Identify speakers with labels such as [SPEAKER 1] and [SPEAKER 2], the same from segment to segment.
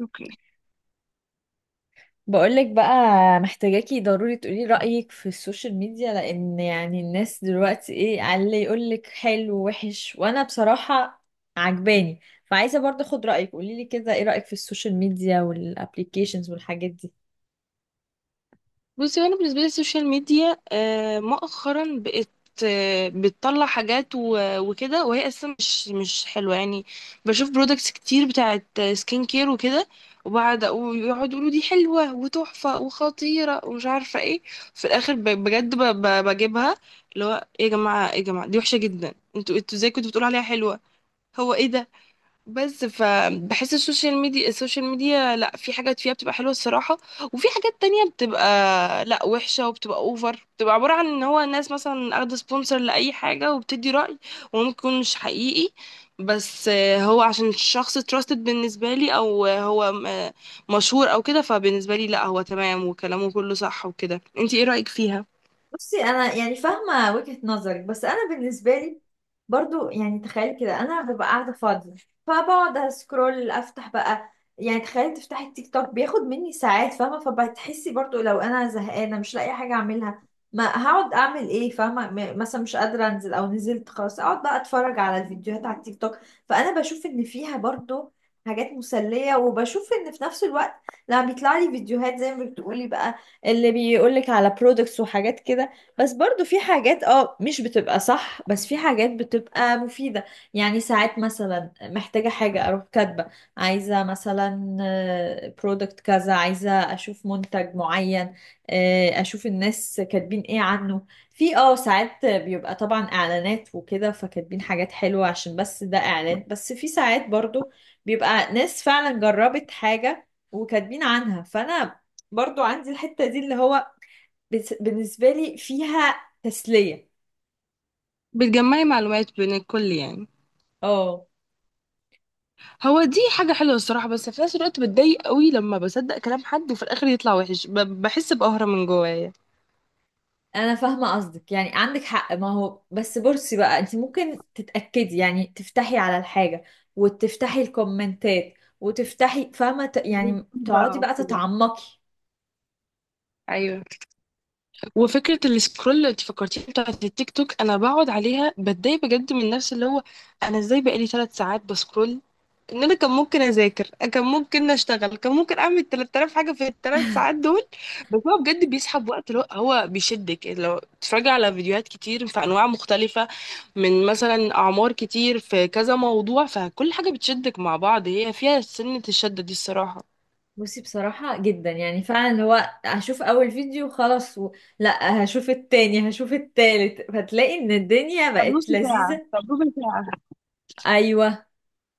[SPEAKER 1] اوكي.
[SPEAKER 2] بقولك بقى، محتاجاكي ضروري تقولي رأيك في السوشيال ميديا، لأن يعني الناس دلوقتي ايه على اللي يقولك حلو وحش، وأنا بصراحة عجباني. فعايزة برضه أخد رأيك، قوليلي كده ايه رأيك في السوشيال ميديا والابليكيشنز والحاجات دي.
[SPEAKER 1] بصي، وانا بالنسبه لي السوشيال ميديا مؤخرا بقت بتطلع حاجات وكده، وهي اصلا مش حلوه يعني. بشوف برودكتس كتير بتاعت سكين كير وكده، وبعد ويقعدوا يقولوا دي حلوه وتحفه وخطيره ومش عارفه ايه. في الاخر بجد بجيبها. اللي هو ايه يا جماعه، ايه يا جماعه، دي وحشه جدا، انتوا ازاي كنتوا بتقولوا عليها حلوه؟ هو ايه ده؟ بس فبحس السوشيال ميديا لا، في حاجات فيها بتبقى حلوة الصراحة، وفي حاجات تانية بتبقى لا، وحشة، وبتبقى اوفر، بتبقى عبارة عن ان هو الناس مثلا اخده سبونسر لأي حاجة وبتدي رأي، وممكن مش حقيقي. بس هو عشان الشخص تراستد بالنسبة لي، او هو مشهور او كده، فبالنسبة لي لا هو تمام وكلامه كله صح وكده. انتي ايه رأيك فيها؟
[SPEAKER 2] بصي، انا يعني فاهمه وجهه نظرك، بس انا بالنسبه لي برضو، يعني تخيلي كده انا ببقى قاعده فاضيه، فبقعد اسكرول افتح بقى. يعني تخيلي تفتحي التيك توك بياخد مني ساعات، فاهمه؟ فبتحسي برضو لو انا زهقانه مش لاقي حاجه اعملها، ما هقعد اعمل ايه فاهمه؟ مثلا مش قادره انزل، او نزلت خلاص اقعد بقى اتفرج على الفيديوهات على التيك توك. فانا بشوف ان فيها برضو حاجات مسليه، وبشوف ان في نفس الوقت لما بيطلع لي فيديوهات زي ما بتقولي بقى، اللي بيقولك على برودكتس وحاجات كده، بس برضو في حاجات مش بتبقى صح، بس في حاجات بتبقى مفيدة. يعني ساعات مثلا محتاجة حاجة اروح كاتبة، عايزة مثلا برودكت كذا، عايزة اشوف منتج معين، اشوف الناس كاتبين ايه عنه، في ساعات بيبقى طبعا اعلانات وكده، فكاتبين حاجات حلوة عشان بس ده اعلان، بس في ساعات برضو بيبقى ناس فعلا جربت حاجة وكاتبين عنها. فانا برضو عندي الحتة دي، اللي هو بالنسبة لي فيها تسلية.
[SPEAKER 1] بتجمعي معلومات بين الكل يعني.
[SPEAKER 2] اه،
[SPEAKER 1] هو دي حاجة حلوة الصراحة، بس في نفس الوقت بتضايق قوي لما بصدق كلام حد وفي الآخر يطلع وحش، بحس بقهرة من جوايا.
[SPEAKER 2] انا فاهمة قصدك، يعني عندك حق. ما هو بس بصي بقى، انت ممكن تتأكدي، يعني تفتحي على الحاجة، وتفتحي الكومنتات، وتفتحي، فاهمة؟ يعني تقعدي
[SPEAKER 1] بقى
[SPEAKER 2] بقى
[SPEAKER 1] وكده.
[SPEAKER 2] تتعمقي.
[SPEAKER 1] ايوه. وفكرة السكرول اللي انت فكرتيها بتاعت التيك توك أنا بقعد عليها بتضايق بجد من نفسي، اللي هو أنا ازاي بقالي 3 ساعات بسكرول؟ ان انا كان ممكن اذاكر، كان ممكن اشتغل، كان ممكن اعمل 3000 حاجه في ال3 ساعات دول. بس هو بجد بيسحب وقت، لو هو بيشدك، لو تتفرجي على فيديوهات كتير في انواع مختلفه، من مثلا اعمار كتير في كذا موضوع، فكل حاجه بتشدك مع بعض. هي فيها سنه، الشده دي الصراحه.
[SPEAKER 2] بصي، بصراحة جدا يعني فعلا، اللي هو هشوف اول فيديو خلاص لا، هشوف التاني، هشوف التالت، فتلاقي ان الدنيا
[SPEAKER 1] طب نص
[SPEAKER 2] بقت
[SPEAKER 1] ساعة،
[SPEAKER 2] لذيذة.
[SPEAKER 1] طب ربع ساعة.
[SPEAKER 2] ايوه،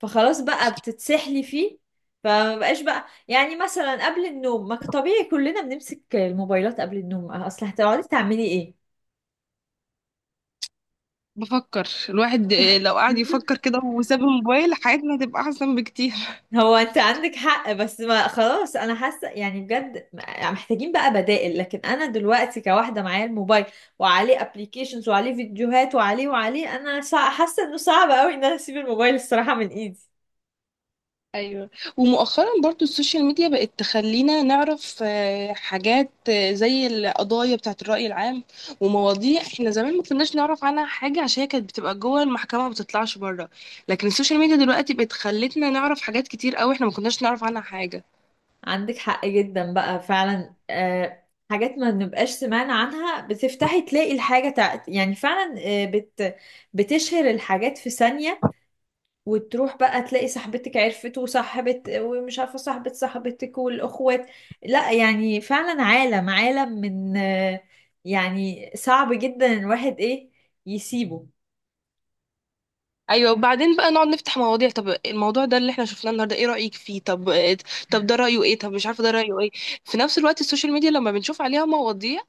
[SPEAKER 2] فخلاص بقى بتتسحلي فيه، فما بقاش بقى، يعني مثلا قبل النوم، ما ك- طبيعي كلنا بنمسك الموبايلات قبل النوم، اصل هتقعدي تعملي ايه؟
[SPEAKER 1] بفكر الواحد لو قعد يفكر كده وساب الموبايل حياتنا هتبقى أحسن بكتير.
[SPEAKER 2] هو انت عندك حق، بس ما خلاص، انا حاسه يعني بجد محتاجين بقى بدائل. لكن انا دلوقتي كواحده معايا الموبايل، وعليه ابليكيشنز، وعليه فيديوهات، وعليه، انا حاسه انه صعب قوي ان انا اسيب الموبايل الصراحه من ايدي.
[SPEAKER 1] ايوه، ومؤخرا برضو السوشيال ميديا بقت تخلينا نعرف حاجات زي القضايا بتاعت الرأي العام، ومواضيع احنا زمان ما كناش نعرف عنها حاجة عشان هي كانت بتبقى جوه المحكمة ما بتطلعش بره، لكن السوشيال ميديا دلوقتي بقت خلتنا نعرف حاجات كتير قوي احنا ما كناش نعرف عنها حاجة.
[SPEAKER 2] عندك حق جدا بقى فعلا، حاجات ما بنبقاش سمعنا عنها، بتفتحي تلاقي الحاجة يعني فعلا، آه بت... بتشهر الحاجات في ثانية، وتروح بقى تلاقي صاحبتك عرفت، وصاحبة، ومش عارفة صاحبة صاحبتك، والأخوات. لا يعني فعلا، عالم، عالم من يعني صعب جدا الواحد ايه؟ يسيبه.
[SPEAKER 1] ايوه. وبعدين بقى نقعد نفتح مواضيع، طب الموضوع ده اللي احنا شفناه النهارده ايه رأيك فيه؟ طب طب ده رأيه ايه؟ طب مش عارفة ده رأيه ايه؟ في نفس الوقت السوشيال ميديا لما بنشوف عليها مواضيع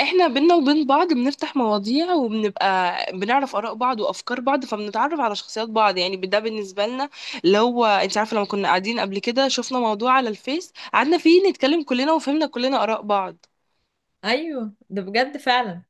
[SPEAKER 1] احنا بينا وبين بعض بنفتح مواضيع وبنبقى بنعرف آراء بعض وأفكار بعض فبنتعرف على شخصيات بعض، يعني ده بالنسبة لنا اللي هو انت عارفة لما كنا قاعدين قبل كده شفنا موضوع على الفيس قعدنا فيه نتكلم كلنا وفهمنا كلنا آراء بعض.
[SPEAKER 2] ايوه ده بجد فعلا.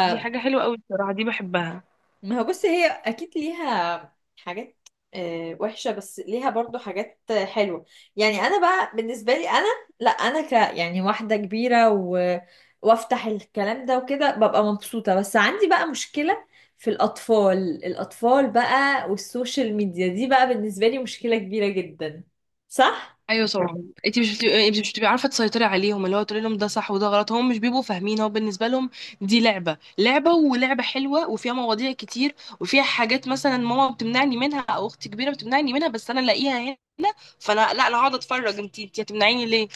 [SPEAKER 1] دي حاجة حلوة قوي بصراحة، دي بحبها.
[SPEAKER 2] ما هو بص، هي اكيد ليها حاجات وحشة، بس ليها برضو حاجات حلوة. يعني انا بقى بالنسبة لي انا، لا انا يعني واحدة كبيرة وافتح الكلام ده وكده ببقى مبسوطة، بس عندي بقى مشكلة في الاطفال. الاطفال بقى والسوشيال ميديا دي بقى، بالنسبة لي مشكلة كبيرة جدا. صح؟
[SPEAKER 1] ايوه طبعا. انت مش بتبقي عارفه تسيطري عليهم، اللي هو تقولي لهم ده صح وده غلط، هم مش بيبقوا فاهمين، هو بالنسبه لهم دي لعبه، ولعبه حلوه وفيها مواضيع كتير وفيها حاجات مثلا ماما بتمنعني منها او اختي كبيره بتمنعني منها بس انا الاقيها هنا، فانا لا انا هقعد اتفرج، انت هتمنعيني ليه؟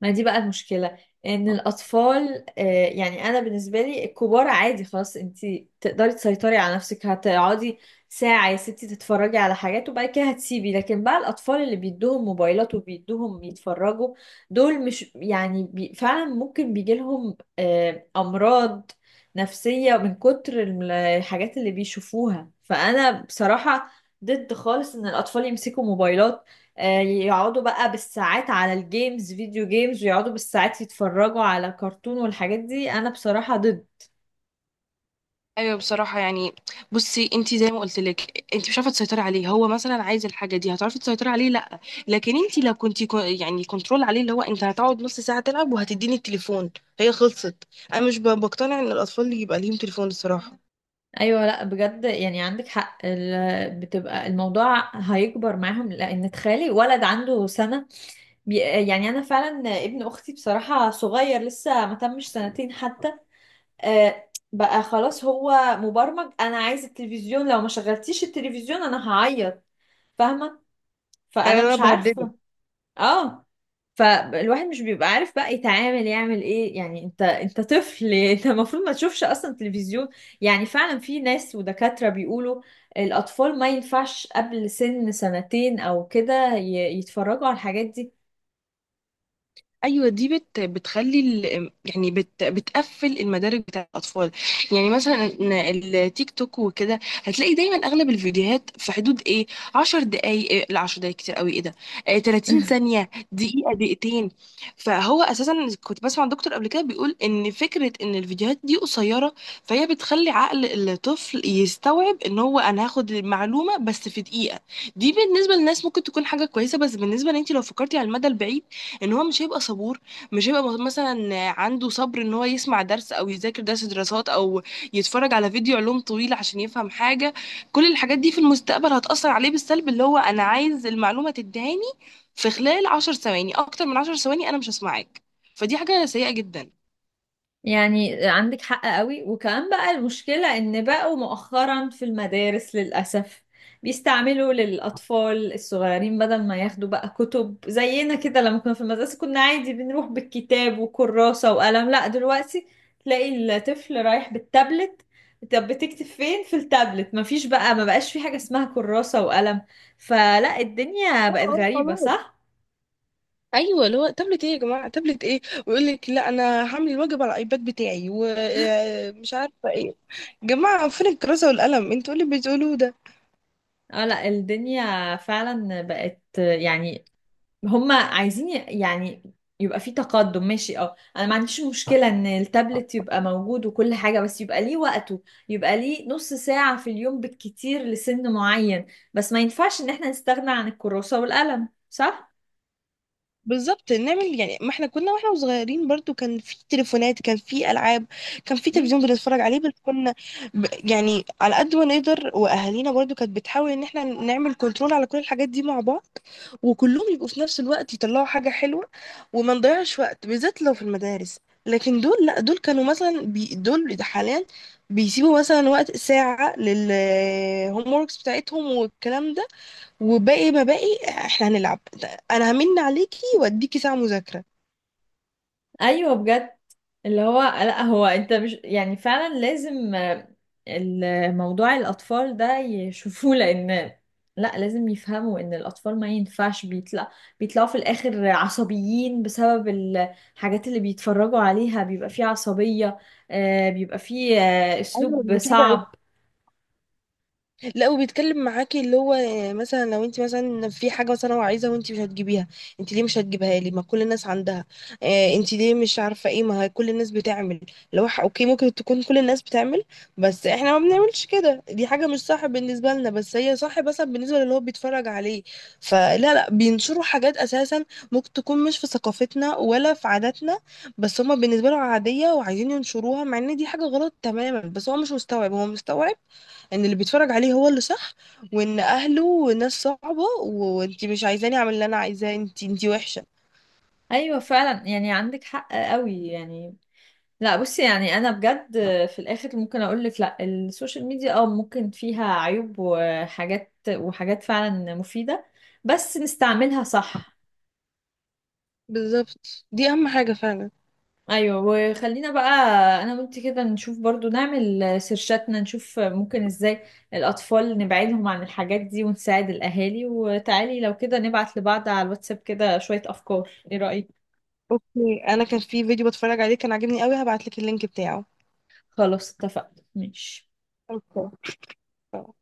[SPEAKER 2] ما دي بقى المشكلة، ان الاطفال، يعني انا بالنسبة لي الكبار عادي، خلاص انت تقدري تسيطري على نفسك، هتقعدي ساعة يا ستي تتفرجي على حاجات وبعد كده هتسيبي. لكن بقى الاطفال اللي بيدوهم موبايلات وبيدوهم يتفرجوا، دول مش، يعني فعلا ممكن بيجيلهم امراض نفسية من كتر الحاجات اللي بيشوفوها. فانا بصراحة ضد خالص ان الاطفال يمسكوا موبايلات، يقعدوا بقى بالساعات على الجيمز، فيديو جيمز، ويقعدوا بالساعات يتفرجوا على كرتون والحاجات دي. انا بصراحة ضد.
[SPEAKER 1] ايوه بصراحه يعني. بصي انت زي ما قلت لك انت مش عارفه تسيطري عليه، هو مثلا عايز الحاجه دي هتعرفي تسيطري عليه؟ لا. لكن انت لو كنتي يعني كنترول عليه اللي هو انت هتقعد نص ساعه تلعب وهتديني التليفون، هي خلصت. انا مش بقتنع ان الاطفال يبقى ليهم تليفون الصراحه.
[SPEAKER 2] ايوه لا، بجد يعني عندك حق، بتبقى الموضوع هيكبر معاهم، لان تخيلي ولد عنده سنة، بي- يعني انا فعلا ابن اختي بصراحة صغير، لسه ما تمش سنتين حتى، بقى خلاص هو مبرمج. انا عايز التلفزيون، لو ما شغلتيش التلفزيون انا هعيط، فاهمة؟
[SPEAKER 1] ايوه
[SPEAKER 2] فانا
[SPEAKER 1] انا
[SPEAKER 2] مش
[SPEAKER 1] بهدده.
[SPEAKER 2] عارفة. اه، فالواحد مش بيبقى عارف بقى يتعامل يعمل ايه، يعني انت طفل انت المفروض ما تشوفش اصلا تلفزيون. يعني فعلا في ناس ودكاترة بيقولوا الاطفال ما ينفعش قبل سن سنتين او كده يتفرجوا على الحاجات دي.
[SPEAKER 1] ايوه، دي بتخلي يعني بتقفل المدارك بتاع الاطفال. يعني مثلا إن التيك توك وكده هتلاقي دايما اغلب الفيديوهات في حدود ايه، 10 دقائق؟ إيه لا، 10 دقائق كتير قوي، ايه ده! آه 30 ثانيه، دقيقه، دقيقتين. فهو اساسا كنت بسمع دكتور قبل كده بيقول ان فكره ان الفيديوهات دي قصيره، فهي بتخلي عقل الطفل يستوعب ان هو انا هاخد المعلومه بس في دقيقه. دي بالنسبه للناس ممكن تكون حاجه كويسه، بس بالنسبه لانت لو فكرتي على المدى البعيد ان هو مش هيبقى صبور، مش هيبقى مثلا عنده صبر ان هو يسمع درس او يذاكر درس دراسات او يتفرج على فيديو علوم طويل عشان يفهم حاجة. كل الحاجات دي في المستقبل هتأثر عليه بالسلب، اللي هو انا عايز المعلومة تدهاني في خلال 10 ثواني، اكتر من 10 ثواني انا مش هسمعك. فدي حاجة سيئة جدا.
[SPEAKER 2] يعني عندك حق قوي، وكمان بقى المشكلة ان بقوا مؤخرا في المدارس للأسف بيستعملوا للأطفال الصغيرين، بدل ما ياخدوا بقى كتب زينا كده. لما كنا في المدرسة كنا عادي بنروح بالكتاب وكراسة وقلم، لا دلوقتي تلاقي الطفل رايح بالتابلت. طب بتكتب فين في التابلت؟ مفيش بقى، ما بقاش في حاجة اسمها كراسة وقلم. فلا، الدنيا بقت
[SPEAKER 1] اه
[SPEAKER 2] غريبة.
[SPEAKER 1] خلاص.
[SPEAKER 2] صح؟
[SPEAKER 1] ايوه، اللي هو تابلت ايه يا جماعه، تابلت ايه؟ ويقول لك لا انا هعمل الواجب على الايباد بتاعي ومش عارفه ايه. جماعه فين الكراسه والقلم، انتوا إيه اللي بتقولوه ده؟
[SPEAKER 2] اه لا، الدنيا فعلا بقت يعني، هما عايزين يعني يبقى في تقدم ماشي. اه انا ما عنديش مشكلة ان التابلت يبقى موجود وكل حاجة، بس يبقى ليه وقته، يبقى ليه نص ساعة في اليوم بالكتير لسن معين. بس ما ينفعش ان احنا نستغنى عن الكراسة والقلم. صح؟
[SPEAKER 1] بالظبط. نعمل يعني، ما احنا كنا واحنا صغيرين برضو كان في تليفونات، كان في العاب، كان في
[SPEAKER 2] مم.
[SPEAKER 1] تلفزيون بنتفرج عليه، بس كنا يعني على قد ما نقدر، واهالينا برضو كانت بتحاول ان احنا نعمل كنترول على كل الحاجات دي مع بعض وكلهم يبقوا في نفس الوقت يطلعوا حاجة حلوة وما نضيعش وقت بالذات لو في المدارس. لكن دول لا، دول كانوا مثلا دول حاليا بيسيبوا مثلا وقت ساعة لل homeworks بتاعتهم والكلام ده، وباقي ما باقي احنا هنلعب. انا همن عليكي واديكي ساعة مذاكرة.
[SPEAKER 2] ايوه بجد، اللي هو لا، هو انت مش يعني فعلا لازم، الموضوع الاطفال ده يشوفوه، لان لا لازم يفهموا ان الاطفال ما ينفعش بيطلعوا في الاخر عصبيين بسبب الحاجات اللي بيتفرجوا عليها. بيبقى فيه عصبية، بيبقى فيه
[SPEAKER 1] ايوه
[SPEAKER 2] اسلوب
[SPEAKER 1] مفيش حاجه،
[SPEAKER 2] صعب.
[SPEAKER 1] لا وبيتكلم معاكي، اللي هو مثلا لو انت مثلا في حاجه مثلا هو عايزها وانت مش هتجيبيها، انت ليه مش هتجيبها لي؟ ما كل الناس عندها. اه انت ليه مش عارفه ايه، ما هي كل الناس بتعمل. لو اوكي ممكن تكون كل الناس بتعمل بس احنا ما بنعملش كده، دي حاجه مش صح بالنسبه لنا، بس هي صح مثلا بالنسبه للي هو بيتفرج عليه. فلا، لا بينشروا حاجات اساسا ممكن تكون مش في ثقافتنا ولا في عاداتنا، بس هما بالنسبه لهم عاديه وعايزين ينشروها مع ان دي حاجه غلط تماما. بس هو مش مستوعب، هو مستوعب ان اللي بيتفرج عليه هو اللي صح، وان اهله ناس صعبة، وانتي مش عايزاني اعمل اللي انا عايزاه، انتي وحشة.
[SPEAKER 2] ايوه فعلا، يعني عندك حق قوي يعني. لا بصي، يعني انا بجد في الاخر ممكن اقول لك لا، السوشيال ميديا ممكن فيها عيوب وحاجات، وحاجات فعلا مفيدة، بس نستعملها صح.
[SPEAKER 1] بالظبط دي اهم حاجة فعلا.
[SPEAKER 2] ايوه، وخلينا بقى انا وانت كده نشوف برضو، نعمل سيرشاتنا نشوف ممكن ازاي الاطفال نبعدهم عن الحاجات دي ونساعد الاهالي، وتعالي لو كده نبعت لبعض على الواتساب كده شوية افكار، ايه رأيك؟
[SPEAKER 1] اوكي، انا كان في فيديو بتفرج عليه كان عاجبني قوي هبعتلك اللينك بتاعه.
[SPEAKER 2] خلاص اتفقنا، ماشي.
[SPEAKER 1] اوكي.